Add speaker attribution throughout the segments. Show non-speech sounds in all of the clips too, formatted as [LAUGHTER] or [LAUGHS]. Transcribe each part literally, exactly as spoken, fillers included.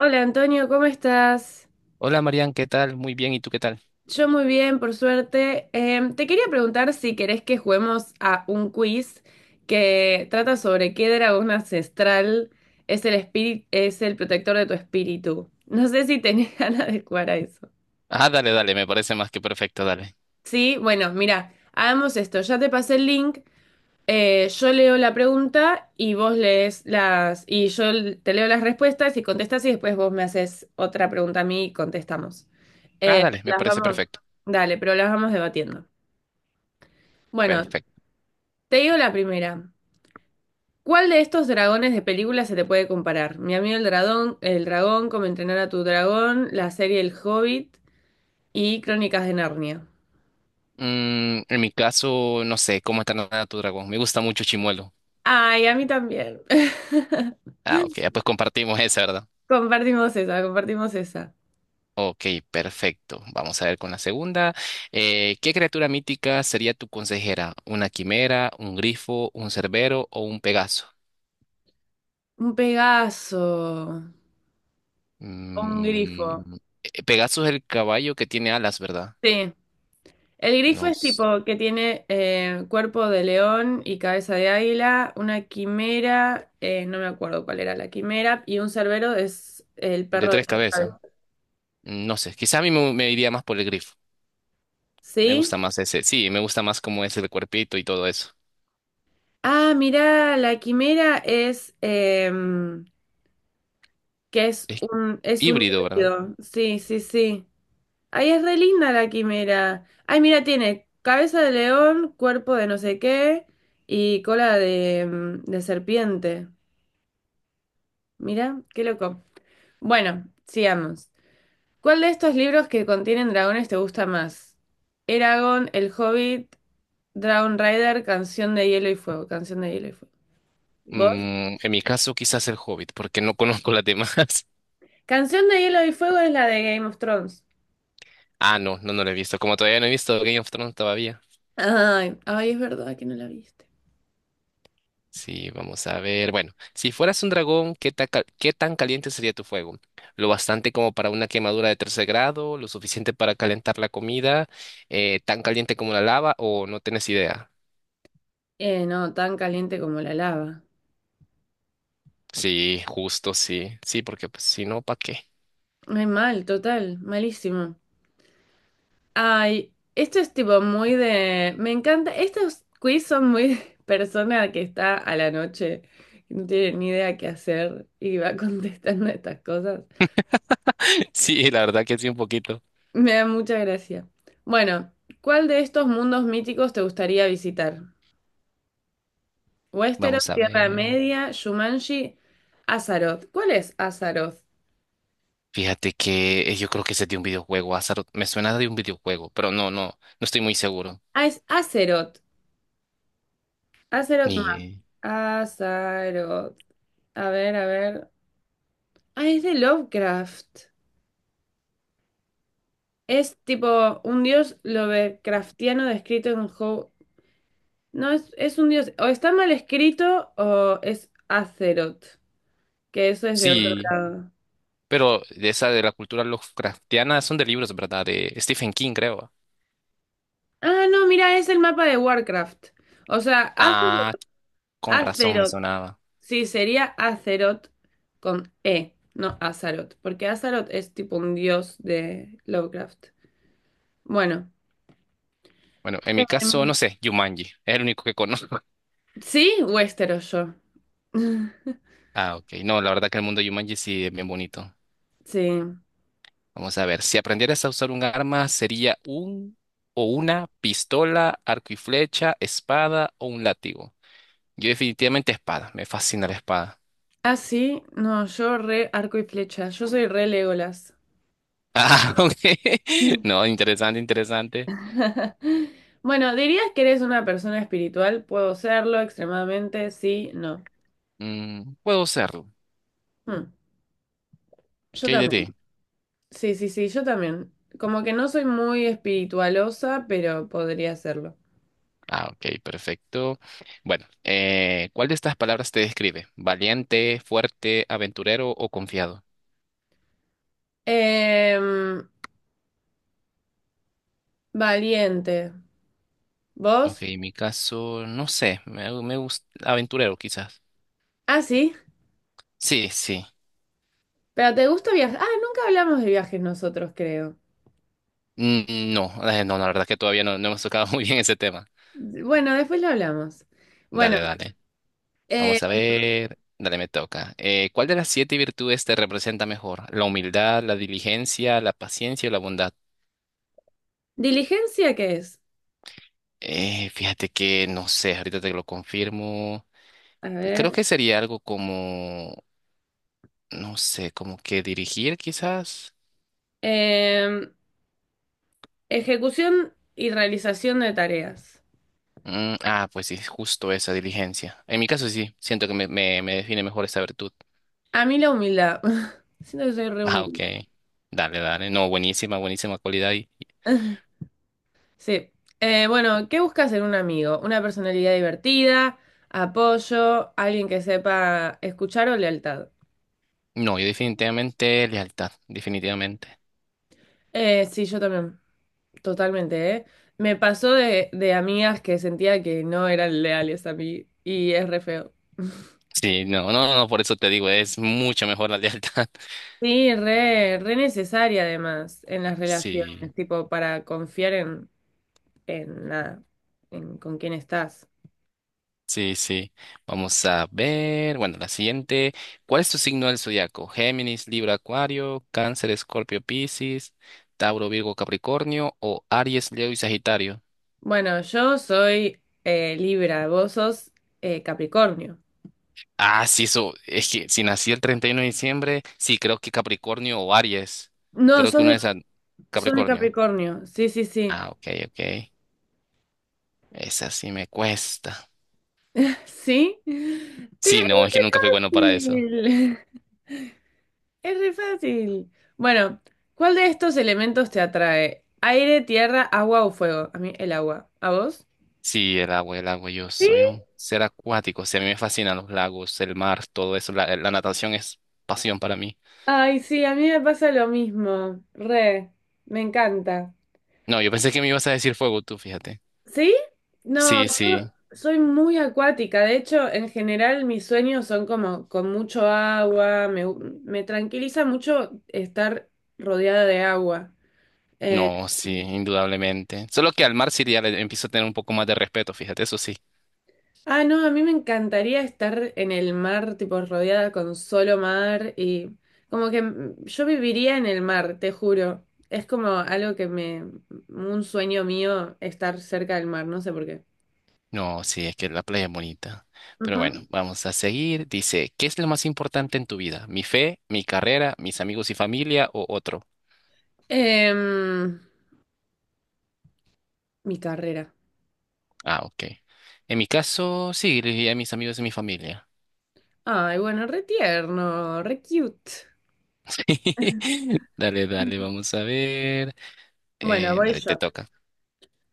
Speaker 1: Hola Antonio, ¿cómo estás?
Speaker 2: Hola Marian, ¿qué tal? Muy bien, ¿y tú qué tal?
Speaker 1: Yo muy bien, por suerte. Em, te quería preguntar si querés que juguemos a un quiz que trata sobre qué dragón ancestral es el espíritu, es el protector de tu espíritu. No sé si tenés [LAUGHS] ganas de jugar a eso.
Speaker 2: Ah, dale, dale, me parece más que perfecto, dale.
Speaker 1: Sí, bueno, mira, hagamos esto. Ya te pasé el link. Eh, yo leo la pregunta y vos lees las, y yo l- te leo las respuestas y contestas y después vos me haces otra pregunta a mí y contestamos.
Speaker 2: Ah,
Speaker 1: Eh,
Speaker 2: dale,
Speaker 1: pero
Speaker 2: me
Speaker 1: las
Speaker 2: parece
Speaker 1: vamos,
Speaker 2: perfecto.
Speaker 1: dale, pero las vamos debatiendo. Bueno,
Speaker 2: Perfecto.
Speaker 1: te digo la primera. ¿Cuál de estos dragones de película se te puede comparar? Mi amigo el dragón, el dragón, cómo entrenar a tu dragón, la serie El Hobbit y Crónicas de Narnia.
Speaker 2: Mm, en mi caso, no sé, ¿cómo está nada tu dragón? Me gusta mucho Chimuelo.
Speaker 1: Ay, a mí también. [LAUGHS]
Speaker 2: Ah, ok, ya pues compartimos [LAUGHS] esa, ¿verdad?
Speaker 1: Compartimos esa, compartimos esa.
Speaker 2: Ok, perfecto. Vamos a ver con la segunda. Eh, ¿qué criatura mítica sería tu consejera? ¿Una quimera, un grifo, un cerbero o un pegaso?
Speaker 1: Un Pegaso. Un grifo.
Speaker 2: Mm, eh, Pegaso es el caballo que tiene alas, ¿verdad?
Speaker 1: Sí. El grifo es
Speaker 2: Nos...
Speaker 1: tipo que tiene eh, cuerpo de león y cabeza de águila, una quimera, eh, no me acuerdo cuál era la quimera, y un cerbero es el
Speaker 2: De
Speaker 1: perro de
Speaker 2: tres
Speaker 1: tres
Speaker 2: cabezas.
Speaker 1: cabezas.
Speaker 2: No sé, quizá a mí me, me iría más por el grifo. Me gusta
Speaker 1: ¿Sí?
Speaker 2: más ese. Sí, me gusta más cómo es el cuerpito y todo eso.
Speaker 1: Ah, mirá, la quimera es em, que es
Speaker 2: Es
Speaker 1: un es un
Speaker 2: híbrido, ¿verdad?
Speaker 1: híbrido. Sí, sí, sí. Ay, es re linda la quimera. Ay, mira, tiene cabeza de león, cuerpo de no sé qué y cola de, em, de serpiente. Mira, qué loco. Bueno, sigamos. ¿Cuál de estos libros que contienen dragones te gusta más? Eragon, El Hobbit, Dragon Rider, Canción de Hielo y Fuego. Canción de Hielo y Fuego. ¿Vos?
Speaker 2: Mm, en mi caso, quizás el Hobbit, porque no [LAUGHS] conozco las demás. [LAUGHS]
Speaker 1: Canción de Hielo y Fuego es la de Game of Thrones.
Speaker 2: Ah, no, no, no lo he visto. Como todavía no he visto Game of Thrones todavía.
Speaker 1: Ay, ay, es verdad que no la viste.
Speaker 2: Sí, vamos a ver. Bueno, si fueras un dragón, ¿qué tan, cal- qué tan caliente sería tu fuego? ¿Lo bastante como para una quemadura de tercer grado? ¿Lo suficiente para calentar la comida? Eh, ¿tan caliente como la lava? ¿O no tienes idea?
Speaker 1: Eh, no, tan caliente como la lava.
Speaker 2: Sí, justo, sí. Sí, porque pues, si no, ¿para qué?
Speaker 1: Ay, mal, total, malísimo. Ay, esto es tipo muy de... Me encanta. Estos quiz son muy de [LAUGHS] persona que está a la noche, que no tiene ni idea qué hacer y va [LAUGHS] contestando estas cosas.
Speaker 2: Sí, la verdad que sí, un poquito.
Speaker 1: Me da mucha gracia. Bueno, ¿cuál de estos mundos míticos te gustaría visitar? Westeros,
Speaker 2: Vamos a
Speaker 1: Tierra
Speaker 2: ver.
Speaker 1: Media, Shumanji, Azeroth. ¿Cuál es Azeroth?
Speaker 2: Fíjate que eh, yo creo que ese es de un videojuego, Azaroth. Me suena de un videojuego, pero no, no, no estoy muy seguro.
Speaker 1: Ah, es Azeroth. Azeroth
Speaker 2: Ni.
Speaker 1: Map.
Speaker 2: Eh,
Speaker 1: Azeroth. A ver, a ver. Ah, es de Lovecraft. Es tipo un dios Lovecraftiano descrito en How. No, es, es un dios. O está mal escrito o es Azeroth, que eso es de otro
Speaker 2: Sí,
Speaker 1: lado.
Speaker 2: pero de esa de la cultura Lovecraftiana son de libros, ¿verdad? De Stephen King, creo.
Speaker 1: Ah, no, mira, es el mapa de Warcraft. O sea, Az-
Speaker 2: Ah, con razón me
Speaker 1: Azeroth.
Speaker 2: sonaba.
Speaker 1: Sí, sería Azeroth con E, no Azaroth, porque Azaroth es tipo un dios de Lovecraft. Bueno,
Speaker 2: Bueno, en
Speaker 1: Em,
Speaker 2: mi caso, no sé, Jumanji. Es el único que conozco. [LAUGHS]
Speaker 1: sí, Westeros yo. [LAUGHS]
Speaker 2: Ah, ok. No, la verdad que el mundo de Jumanji sí es bien bonito.
Speaker 1: Sí.
Speaker 2: Vamos a ver, si aprendieras a usar un arma, ¿sería un o una pistola, arco y flecha, espada o un látigo? Yo definitivamente espada, me fascina la espada. [LAUGHS]
Speaker 1: Ah, sí, no, yo re arco y flecha, yo soy re Legolas.
Speaker 2: Ah, ok.
Speaker 1: Mm.
Speaker 2: No, interesante, interesante.
Speaker 1: [LAUGHS] Bueno, ¿dirías que eres una persona espiritual? Puedo serlo extremadamente, sí, no.
Speaker 2: Mm, puedo usarlo.
Speaker 1: Hmm, Yo
Speaker 2: ¿Qué hay de
Speaker 1: también.
Speaker 2: ti?
Speaker 1: Sí, sí, sí, yo también. Como que no soy muy espiritualosa, pero podría serlo.
Speaker 2: Ah, ok, perfecto. Bueno, eh, ¿cuál de estas palabras te describe? ¿Valiente, fuerte, aventurero o confiado?
Speaker 1: Em, Valiente.
Speaker 2: Ok,
Speaker 1: ¿Vos?
Speaker 2: en mi caso, no sé, me, me gusta aventurero quizás.
Speaker 1: Ah, sí.
Speaker 2: Sí, sí.
Speaker 1: Pero ¿te gusta viajar? Ah, nunca hablamos de viajes nosotros, creo.
Speaker 2: Mm, No, eh, no, la verdad es que todavía no, no hemos tocado [LAUGHS] muy bien ese tema.
Speaker 1: Bueno, después lo hablamos. Bueno.
Speaker 2: Dale, dale.
Speaker 1: Eh,
Speaker 2: Vamos a ver. Dale, me toca. Eh, ¿cuál de las siete virtudes te representa mejor? ¿La humildad, la diligencia, la paciencia o la bondad?
Speaker 1: ¿Diligencia qué es?
Speaker 2: Eh, fíjate que no sé, ahorita te lo confirmo.
Speaker 1: A
Speaker 2: Creo
Speaker 1: ver.
Speaker 2: que sería algo como, no sé, como que dirigir quizás.
Speaker 1: eh, Ejecución y realización de tareas.
Speaker 2: Mm, ah, pues sí, justo esa diligencia. En mi caso sí, siento que me, me, me define mejor esa virtud.
Speaker 1: A mí la humildad. [LAUGHS] Siento que soy re
Speaker 2: Ah,
Speaker 1: humilde.
Speaker 2: ok. Dale, dale. No, buenísima, buenísima cualidad.
Speaker 1: [LAUGHS] Sí. Eh, bueno, ¿qué buscas en un amigo? Una personalidad divertida, apoyo, alguien que sepa escuchar o lealtad.
Speaker 2: No, yo definitivamente lealtad, definitivamente.
Speaker 1: Eh, sí, yo también, totalmente, ¿eh? Me pasó de, de amigas que sentía que no eran leales a mí y es re feo.
Speaker 2: Sí, no, no, no, por eso te digo, es mucho mejor la lealtad. [LAUGHS]
Speaker 1: Sí, re, re necesaria además en las relaciones,
Speaker 2: Sí,
Speaker 1: tipo para confiar en, en nada, en con quién estás.
Speaker 2: sí, sí. Vamos a ver, bueno, la siguiente. ¿Cuál es tu signo del zodiaco? Géminis, Libra, Acuario, Cáncer, Escorpio, Piscis, Tauro, Virgo, Capricornio o Aries, Leo y Sagitario.
Speaker 1: Bueno, yo soy eh, Libra, vos sos eh, Capricornio.
Speaker 2: Ah, sí, eso, es que si nací el treinta y uno de diciembre, sí, creo que Capricornio o Aries.
Speaker 1: No,
Speaker 2: Creo que
Speaker 1: sos
Speaker 2: una
Speaker 1: de,
Speaker 2: de esas,
Speaker 1: sos de
Speaker 2: Capricornio.
Speaker 1: Capricornio, sí, sí, sí.
Speaker 2: Ah, ok, ok. Esa sí me cuesta.
Speaker 1: [LAUGHS] ¿Sí? ¡Te le
Speaker 2: Sí, no, es que nunca fui bueno para eso.
Speaker 1: fácil! [LAUGHS] Es re fácil. Bueno, ¿cuál de estos elementos te atrae? ¿Aire, tierra, agua o fuego? A mí el agua. ¿A vos?
Speaker 2: Sí, el agua, el agua, yo
Speaker 1: Sí.
Speaker 2: soy un ser acuático. Sí, a mí me fascinan los lagos, el mar, todo eso. La, la natación es pasión para mí.
Speaker 1: Ay, sí, a mí me pasa lo mismo, re, me encanta.
Speaker 2: No, yo pensé que me ibas a decir fuego tú, fíjate.
Speaker 1: ¿Sí? No, yo
Speaker 2: Sí, sí,
Speaker 1: soy muy acuática, de hecho, en general mis sueños son como con mucho agua, me, me tranquiliza mucho estar rodeada de agua. Eh,
Speaker 2: no, sí, indudablemente. Solo que al mar sí ya le empiezo a tener un poco más de respeto, fíjate, eso sí.
Speaker 1: ah, no, a mí me encantaría estar en el mar, tipo rodeada con solo mar y como que mm, yo viviría en el mar, te juro. Es como algo que me, un sueño mío estar cerca del mar, no sé por qué.
Speaker 2: No, sí, es que la playa es bonita. Pero bueno,
Speaker 1: Ujú.
Speaker 2: vamos a seguir. Dice, ¿qué es lo más importante en tu vida? ¿Mi fe, mi carrera, mis amigos y familia o otro?
Speaker 1: Em, Mi carrera.
Speaker 2: Ah, ok. En mi caso, sí, le diría a mis amigos y mi familia.
Speaker 1: Ay, bueno, re tierno, re cute.
Speaker 2: [LAUGHS] Dale, dale, vamos a ver.
Speaker 1: Bueno,
Speaker 2: Eh,
Speaker 1: voy
Speaker 2: dale, te
Speaker 1: yo.
Speaker 2: toca.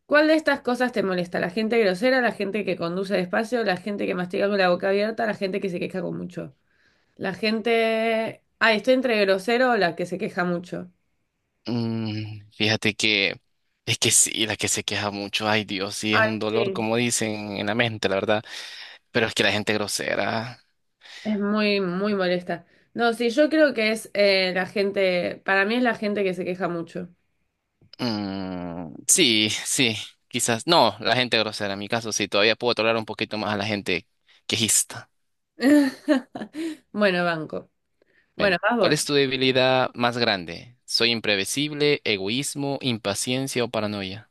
Speaker 1: ¿Cuál de estas cosas te molesta? ¿La gente grosera, la gente que conduce despacio, la gente que mastica con la boca abierta, la gente que se queja con mucho? La gente... Ay, estoy entre grosero o la que se queja mucho.
Speaker 2: Mm, fíjate que es que sí, la que se queja mucho, ay Dios, sí, es
Speaker 1: Ay,
Speaker 2: un dolor,
Speaker 1: sí.
Speaker 2: como dicen en la mente, la verdad. Pero es que la gente grosera.
Speaker 1: Es muy, muy molesta. No, sí, yo creo que es eh, la gente... para mí es la gente que se queja mucho.
Speaker 2: Mm, sí, sí, quizás. No, la gente grosera, en mi caso, sí, todavía puedo tolerar un poquito más a la gente quejista.
Speaker 1: [LAUGHS] Bueno, banco.
Speaker 2: Bueno,
Speaker 1: Bueno, vas
Speaker 2: ¿cuál
Speaker 1: vos.
Speaker 2: es tu debilidad más grande? ¿Soy imprevisible, egoísmo, impaciencia o paranoia?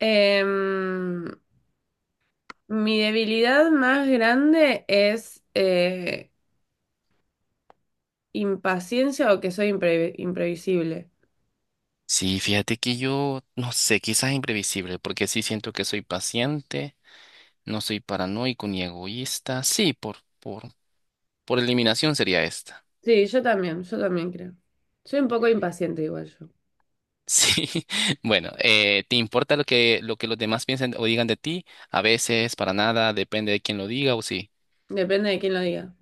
Speaker 1: Em, Mi debilidad más grande es eh, impaciencia o que soy impre- imprevisible.
Speaker 2: Sí, fíjate que yo no sé, quizás imprevisible, porque sí siento que soy paciente, no soy paranoico ni egoísta. Sí, por, por, por eliminación sería esta. [LAUGHS]
Speaker 1: Sí, yo también, yo también creo. Soy un poco impaciente igual yo.
Speaker 2: Sí, bueno, eh, ¿te importa lo que, lo que los demás piensen o digan de ti? A veces, para nada, depende de quién lo diga o sí.
Speaker 1: Depende de quién lo diga.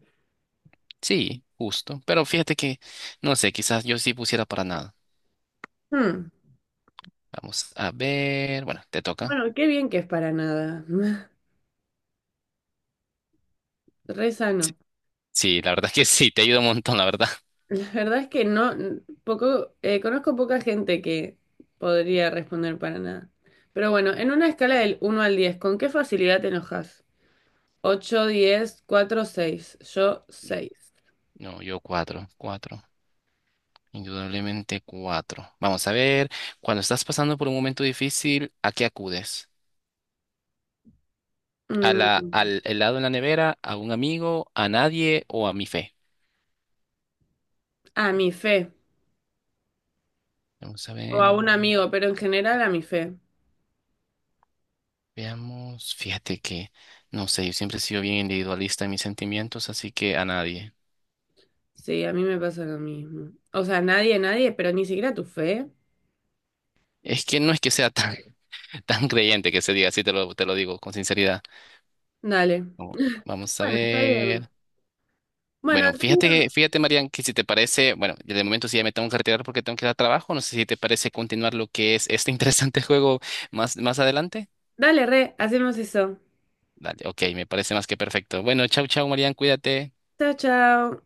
Speaker 2: Sí, justo, pero fíjate que, no sé, quizás yo sí pusiera para nada.
Speaker 1: Hmm,
Speaker 2: Vamos a ver. Bueno, te toca.
Speaker 1: Bueno, qué bien que es para nada. [LAUGHS] Re
Speaker 2: Sí,
Speaker 1: sano.
Speaker 2: sí, la verdad es que sí, te ayuda un montón, la verdad.
Speaker 1: La verdad es que no, n- poco, eh, conozco poca gente que podría responder para nada. Pero bueno, en una escala del uno al diez, ¿con qué facilidad te enojas? Ocho diez cuatro seis. Yo seis.
Speaker 2: No, yo cuatro, cuatro. Indudablemente cuatro. Vamos a ver. Cuando estás pasando por un momento difícil, ¿a qué acudes? ¿A la, al helado en la nevera? ¿A un amigo? ¿A nadie? ¿O a mi fe?
Speaker 1: A mi fe.
Speaker 2: Vamos a
Speaker 1: O a
Speaker 2: ver.
Speaker 1: un amigo, pero en general a mi fe.
Speaker 2: Veamos. Fíjate que, no sé, yo siempre he sido bien individualista en mis sentimientos, así que a nadie.
Speaker 1: Sí, a mí me pasa lo mismo. O sea, nadie, nadie, pero ni siquiera tu fe.
Speaker 2: Es que no es que sea tan, [LAUGHS] tan creyente que se diga, así te lo, te lo digo con sinceridad.
Speaker 1: Dale.
Speaker 2: Como- Vamos a
Speaker 1: Bueno, está bien.
Speaker 2: ver.
Speaker 1: Bueno,
Speaker 2: Bueno,
Speaker 1: Antonio,
Speaker 2: fíjate, fíjate, Marian, que si te parece, bueno, yo de momento sí ya me tengo que retirar porque tengo que ir a trabajo. No sé si te parece continuar lo que es este [LAUGHS] interesante juego más, más adelante.
Speaker 1: dale, re, hacemos eso.
Speaker 2: Dale, ok, me parece más que perfecto. Bueno, chau, chau, Marian, cuídate.
Speaker 1: Chao, chao.